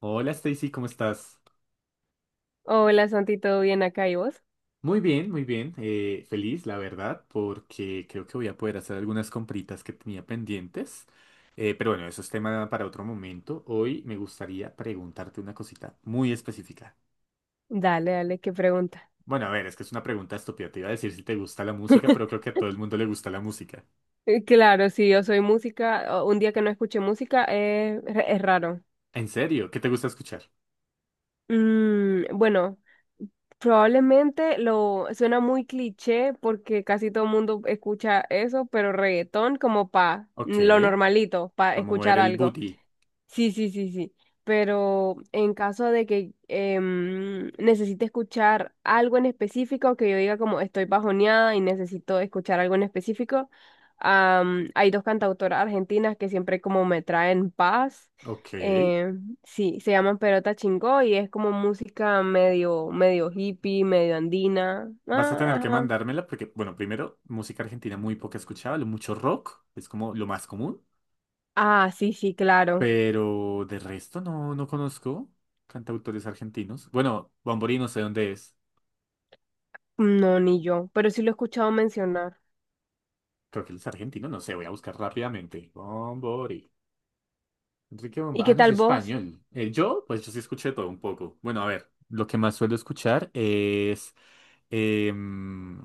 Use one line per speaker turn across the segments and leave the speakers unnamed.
Hola Stacy, ¿cómo estás?
Hola Santi, ¿todo bien acá y vos?
Muy bien, muy bien. Feliz, la verdad, porque creo que voy a poder hacer algunas compritas que tenía pendientes. Pero bueno, eso es tema para otro momento. Hoy me gustaría preguntarte una cosita muy específica.
Dale, dale, qué pregunta.
Bueno, a ver, es que es una pregunta estúpida. Te iba a decir si te gusta la música, pero creo que a todo el mundo le gusta la música.
Claro, si yo soy música, o un día que no escuché música es raro.
¿En serio? ¿Qué te gusta escuchar?
Bueno, probablemente lo suena muy cliché porque casi todo el mundo escucha eso, pero reggaetón como pa
Ok,
lo normalito, pa
vamos a mover
escuchar
el
algo.
booty.
Sí, sí, sí, sí. Pero en caso de que necesite escuchar algo en específico, que yo diga como estoy bajoneada y necesito escuchar algo en específico, hay dos cantautoras argentinas que siempre como me traen paz.
Ok.
Eh, sí, se llaman Perota Chingó y es como música medio hippie, medio andina.
Vas a tener
Ah,
que
ajá.
mandármela porque, bueno, primero, música argentina muy poca escuchaba, lo mucho rock, es como lo más común.
Ah, sí, sí, claro.
Pero de resto no, no conozco cantautores argentinos. Bueno, Bombori no sé dónde es.
No, ni yo, pero sí lo he escuchado mencionar.
Creo que él es argentino, no sé, voy a buscar rápidamente. Bombori. Enrique
¿Y
Bombori.
qué
Ah, no, es
tal vos?
español. Yo, pues yo sí escuché todo un poco. Bueno, a ver, lo que más suelo escuchar es… em,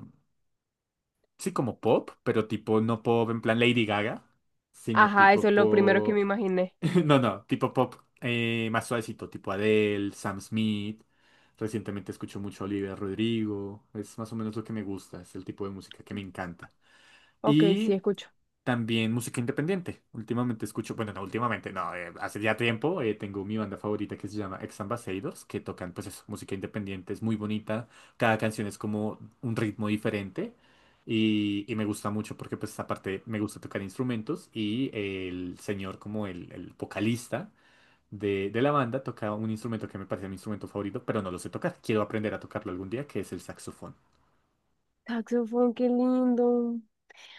Sí, como pop, pero tipo no pop en plan Lady Gaga, sino
Ajá, eso
tipo
es lo primero que me
pop.
imaginé.
No, no, tipo pop, más suavecito, tipo Adele, Sam Smith. Recientemente escucho mucho a Olivia Rodrigo. Es más o menos lo que me gusta, es el tipo de música que me encanta.
Ok, sí,
Y
escucho.
también música independiente. Últimamente escucho, bueno, no últimamente, no, hace ya tiempo, tengo mi banda favorita que se llama Ex Ambassadors, que tocan pues eso, música independiente, es muy bonita, cada canción es como un ritmo diferente y me gusta mucho porque pues aparte me gusta tocar instrumentos y el señor como el vocalista de la banda toca un instrumento que me parece mi instrumento favorito, pero no lo sé tocar, quiero aprender a tocarlo algún día, que es el saxofón.
Saxofón, qué lindo.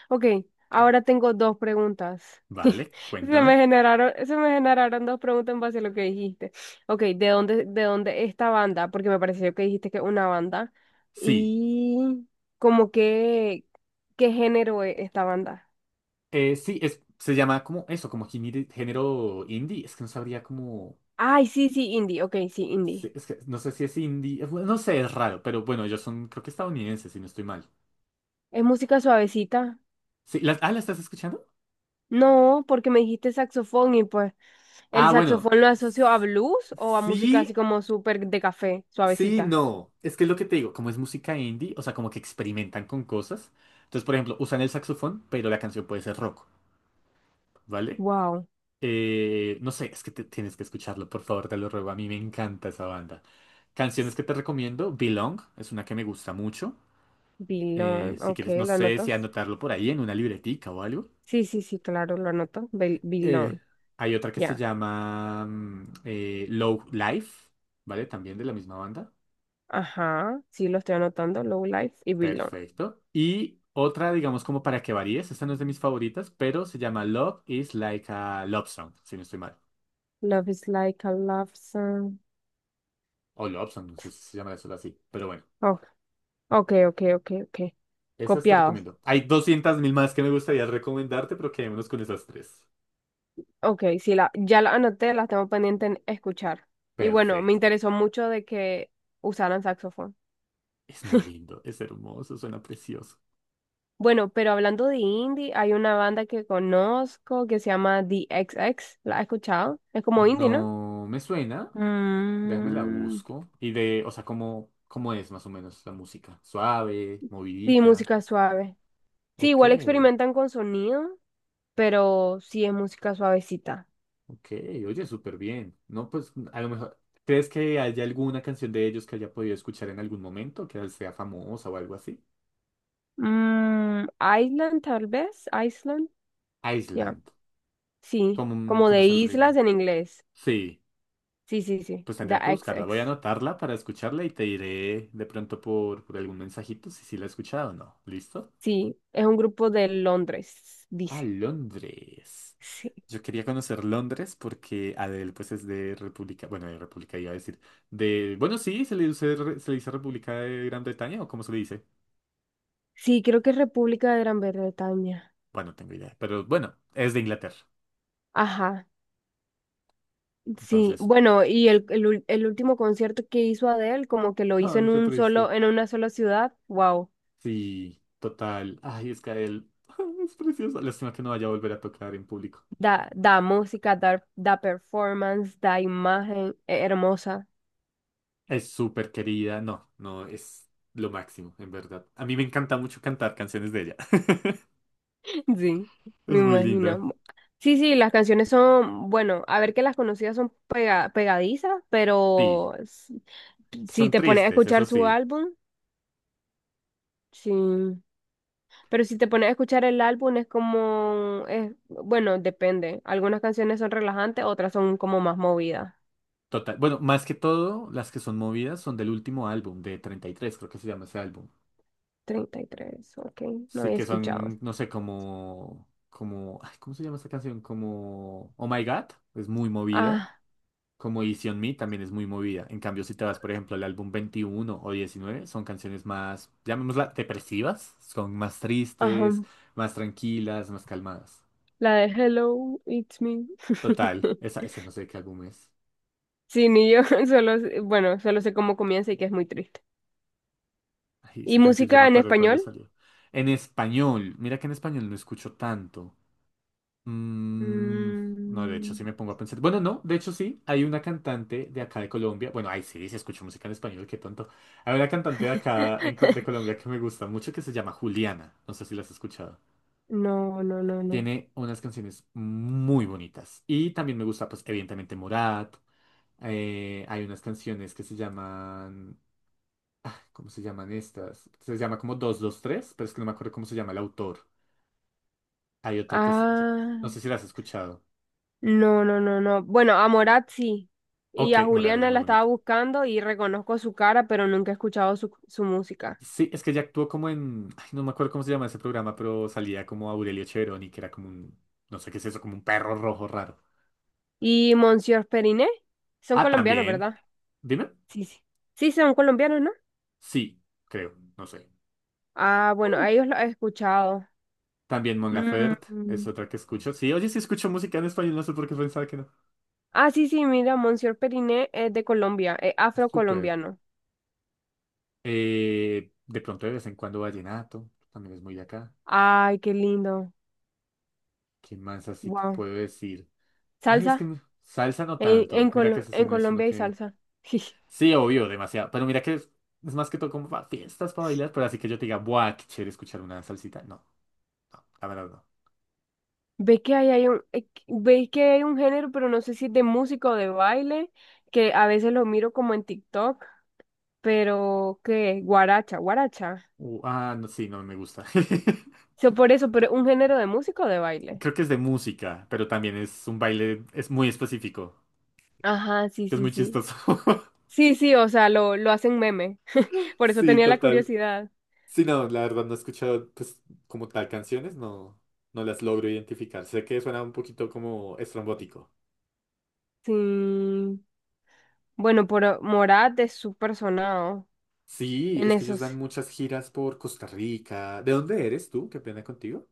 Ok, ahora tengo dos preguntas.
Vale,
Se me
cuéntame.
generaron, se me generaron dos preguntas en base a lo que dijiste. Ok, ¿de dónde esta banda? Porque me pareció que dijiste que es una banda.
Sí.
Y como que, ¿qué género es esta banda?
Sí, se llama como eso, como género indie. Es que no sabría cómo.
Ay, sí, sí, indie. Ok, sí, indie.
Es que no sé si es indie. Bueno, no sé, es raro, pero bueno, ellos son, creo que estadounidenses, si no estoy mal.
¿Es música suavecita?
Sí, ¿la estás escuchando?
No, porque me dijiste saxofón y pues el
Ah, bueno.
saxofón lo asocio a blues o a música
Sí,
así como súper de café,
sí,
suavecita.
no. Es que es lo que te digo, como es música indie, o sea, como que experimentan con cosas. Entonces, por ejemplo, usan el saxofón, pero la canción puede ser rock, ¿vale?
Wow.
No sé, es que tienes que escucharlo, por favor, te lo ruego. A mí me encanta esa banda. Canciones que te recomiendo, Belong, es una que me gusta mucho.
Bilón.
Si
Ok,
quieres, no
lo
sé
anoto.
si anotarlo por ahí en una libretica o algo.
Sí, sí, sí, claro, lo anoto.
Eh,
Bilón.
Hay otra que se
Ya.
llama, Low Life, ¿vale? También de la misma banda.
Ajá. Sí, lo estoy anotando. Low Life y Bilón.
Perfecto. Y otra, digamos, como para que varíes, esta no es de mis favoritas, pero se llama Love is like a Love Song, si no estoy mal.
Love is like a love song.
O Love Song, no sé si se llama eso así, pero bueno.
Oh, ok, ok, ok, ok.
Esas te
Copiado.
recomiendo. Hay 200.000 más que me gustaría recomendarte, pero quedémonos con esas tres.
Ok, sí, ya la anoté, las tengo pendiente en escuchar. Y bueno, me
Perfecto.
interesó mucho de que usaran saxofón.
Es muy lindo, es hermoso, suena precioso.
Bueno, pero hablando de indie, hay una banda que conozco que se llama The XX. ¿La has escuchado? Es como indie, ¿no?
No me suena. Déjame la
Mm,
busco. Y de, o sea, ¿cómo, cómo es más o menos la música? Suave,
sí,
movidita.
música suave. Sí,
Ok,
igual experimentan con sonido, pero sí es música suavecita.
ok. Oye, súper bien. No, pues a lo mejor. ¿Crees que haya alguna canción de ellos que haya podido escuchar en algún momento, que sea famosa o algo así?
Mm, Island, tal vez. Island. Ya.
Island.
Sí,
¿Cómo,
como
cómo
de
es el
islas
ritmo?
en inglés.
Sí.
Sí, sí, sí.
Pues
The
tendría que buscarla. Voy
XX.
a anotarla para escucharla y te diré de pronto por, algún mensajito si sí la he escuchado o no. ¿Listo?
Sí, es un grupo de Londres,
Ah,
dice.
Londres.
Sí,
Yo quería conocer Londres porque Adele pues es de República, bueno, de República iba a decir, de, bueno, sí, se le dice, se le dice República de Gran Bretaña o cómo se le dice.
sí, creo que es República de Gran Bretaña.
Bueno, no tengo idea, pero bueno, es de Inglaterra.
Ajá. Sí,
Entonces,
bueno, y el último concierto que hizo Adele, como que lo hizo
ay,
en
qué
un
triste.
solo, en una sola ciudad, wow,
Sí, total. Ay, es que Adele es preciosa. Lástima que no vaya a volver a tocar en público.
da, da música, da, da performance, da imagen, hermosa.
Es súper querida, no, no, es lo máximo, en verdad. A mí me encanta mucho cantar canciones de ella.
Sí,
Es
me
muy linda.
imagino. Sí, sí, las canciones son, bueno, a ver que las conocidas son pegadizas,
Sí,
pero si
son
te pones a
tristes,
escuchar
eso
su
sí.
álbum, sí. Pero si te pones a escuchar el álbum es como, es, bueno, depende. Algunas canciones son relajantes, otras son como más movidas.
Total. Bueno, más que todo, las que son movidas son del último álbum, de 33 creo que se llama ese álbum.
33, ok, no
Sí,
había
que
escuchado.
son, no sé, como, ay, ¿cómo se llama esta canción? Como Oh My God, es muy movida.
Ah,
Como Easy on Me también es muy movida. En cambio, si te vas, por ejemplo, al álbum 21 o 19 son canciones más, llamémosla, depresivas. Son más tristes,
ajá,
más tranquilas, más calmadas.
la de Hello, it's me.
Total, esa, esa no sé de qué álbum es.
Sí, ni yo, solo, bueno, solo sé cómo comienza y que es muy triste.
Ay,
¿Y
esa canción yo
música
me
en
acuerdo de cuándo
español?
salió. En español, mira que en español no escucho tanto. Mm, no, de hecho,
Mm,
sí me pongo a pensar. Bueno, no, de hecho, sí. Hay una cantante de acá de Colombia. Bueno, ay, sí, sí escucho música en español, qué tonto. Hay una cantante de acá en de Colombia que me gusta mucho que se llama Juliana. No sé si la has escuchado.
no, no, no, no.
Tiene unas canciones muy bonitas. Y también me gusta, pues, evidentemente, Morat. Hay unas canciones que se llaman. ¿Cómo se llaman estas? Se llama como 223, pero es que no me acuerdo cómo se llama el autor. Hay otra que. No sé
Ah.
si la has escuchado.
No, no, no, no. Bueno, a Morat sí. Y
Ok,
a
Morat es
Juliana
muy
la estaba
bonito.
buscando y reconozco su cara, pero nunca he escuchado su música.
Sí, es que ella actuó como en, ay, no me acuerdo cómo se llama ese programa, pero salía como Aurelio Cheveroni, que era como un, no sé qué es eso, como un perro rojo raro.
¿Y Monsieur Periné? Son
Ah,
colombianos,
también.
¿verdad?
Dime.
Sí, sí. Sí, son colombianos, ¿no?
Sí, creo, no sé.
Ah, bueno, a
Mm.
ellos los he escuchado.
También Mon Laferte es
Mm.
otra que escucho. Sí, oye, sí escucho música en español, no sé por qué pensaba que no.
Ah, sí, sí, mira, Monsieur Periné es de Colombia, es
Ah, súper.
afrocolombiano.
De pronto de vez en cuando vallenato, también es muy de acá.
Ay, qué lindo.
¿Qué más así te
Wow.
puedo decir? Ay, es que
Salsa.
salsa no
En,
tanto.
en,
Mira que
Colo-
ese sí
en
no es uno
Colombia hay
que…
salsa.
Sí, obvio, demasiado. Pero mira que es más que todo como para fiestas, para bailar, pero así que yo te diga, buah, qué chévere escuchar una salsita. No, la verdad no.
Ve que ahí hay un, veis que hay un género, pero no sé si es de música o de baile, que a veces lo miro como en TikTok, pero que guaracha, guaracha.
Ah, no, sí, no me gusta.
So, por eso, pero un género de música o de baile.
Creo que es de música, pero también es un baile, es muy específico,
Ajá, sí,
que es
sí,
muy
sí.
chistoso.
Sí, sí, o sea, lo hacen meme. Por eso
Sí,
tenía la
total.
curiosidad.
Sí, no, la verdad no he escuchado, pues, como tal canciones, no, no las logro identificar. Sé que suena un poquito como estrambótico.
Sí. Bueno, pero Morat es súper sonado
Sí,
en
es que ellos
esos.
dan muchas giras por Costa Rica. ¿De dónde eres tú? Qué pena contigo.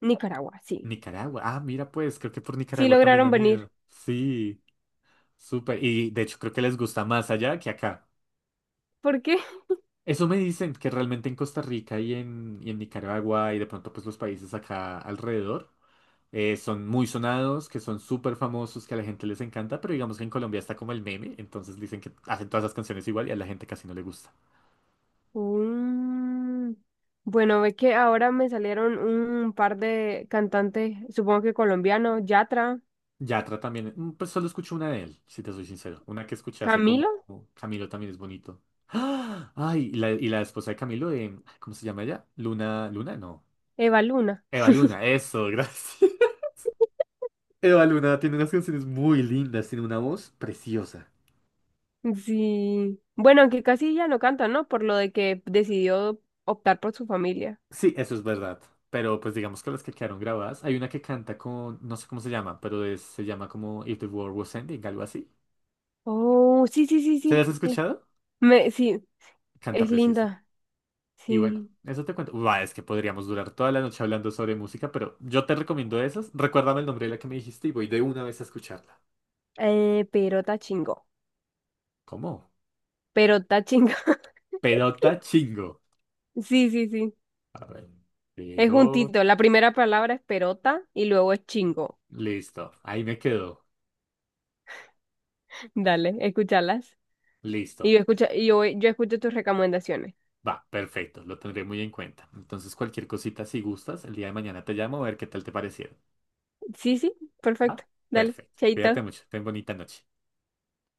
Nicaragua, sí.
Nicaragua. Ah, mira, pues, creo que por
Sí
Nicaragua también
lograron
han
venir.
ido. Sí, súper. Y de hecho creo que les gusta más allá que acá.
¿Por qué?
Eso me dicen que realmente en Costa Rica y y en Nicaragua y de pronto pues los países acá alrededor, son muy sonados, que son súper famosos, que a la gente les encanta, pero digamos que en Colombia está como el meme, entonces dicen que hacen todas las canciones igual y a la gente casi no le gusta.
Mm. Bueno, ve que ahora me salieron un par de cantantes, supongo que colombianos, Yatra,
Yatra también. Pues solo escucho una de él, si te soy sincero. Una que escuché hace
Camilo,
como Camilo también es bonito. ¡Ah! Ay, y la esposa de Camilo, ¿cómo se llama ella? Luna, Luna, no.
Eva Luna.
Eva Luna, eso, gracias. Eva Luna tiene unas canciones muy lindas, tiene una voz preciosa.
Sí. Bueno, aunque casi ya no canta, ¿no? Por lo de que decidió optar por su familia.
Sí, eso es verdad. Pero pues digamos que las que quedaron grabadas, hay una que canta con, no sé cómo se llama, pero se llama como If the World Was Ending, algo así.
Oh, sí, sí, sí,
¿Se las
sí.
has escuchado?
Me, sí,
Canta
es
precioso.
linda.
Y bueno,
Sí.
eso te cuento. Buah, es que podríamos durar toda la noche hablando sobre música, pero yo te recomiendo esas. Recuérdame el nombre de la que me dijiste y voy de una vez a escucharla.
Perota chingó.
¿Cómo?
Perota chingó.
Pelota chingo.
Sí, sí, sí.
A ver,
Es
pero…
juntito. La primera palabra es perota y luego es chingo.
Listo, ahí me quedó.
Dale, escúchalas. Y
Listo.
yo escucho, yo escucho tus recomendaciones.
Va, perfecto, lo tendré muy en cuenta. Entonces, cualquier cosita, si gustas, el día de mañana te llamo a ver qué tal te parecieron.
Sí, sí,
¿Va?
perfecto. Dale,
Perfecto. Cuídate
chaito.
mucho. Ten bonita noche.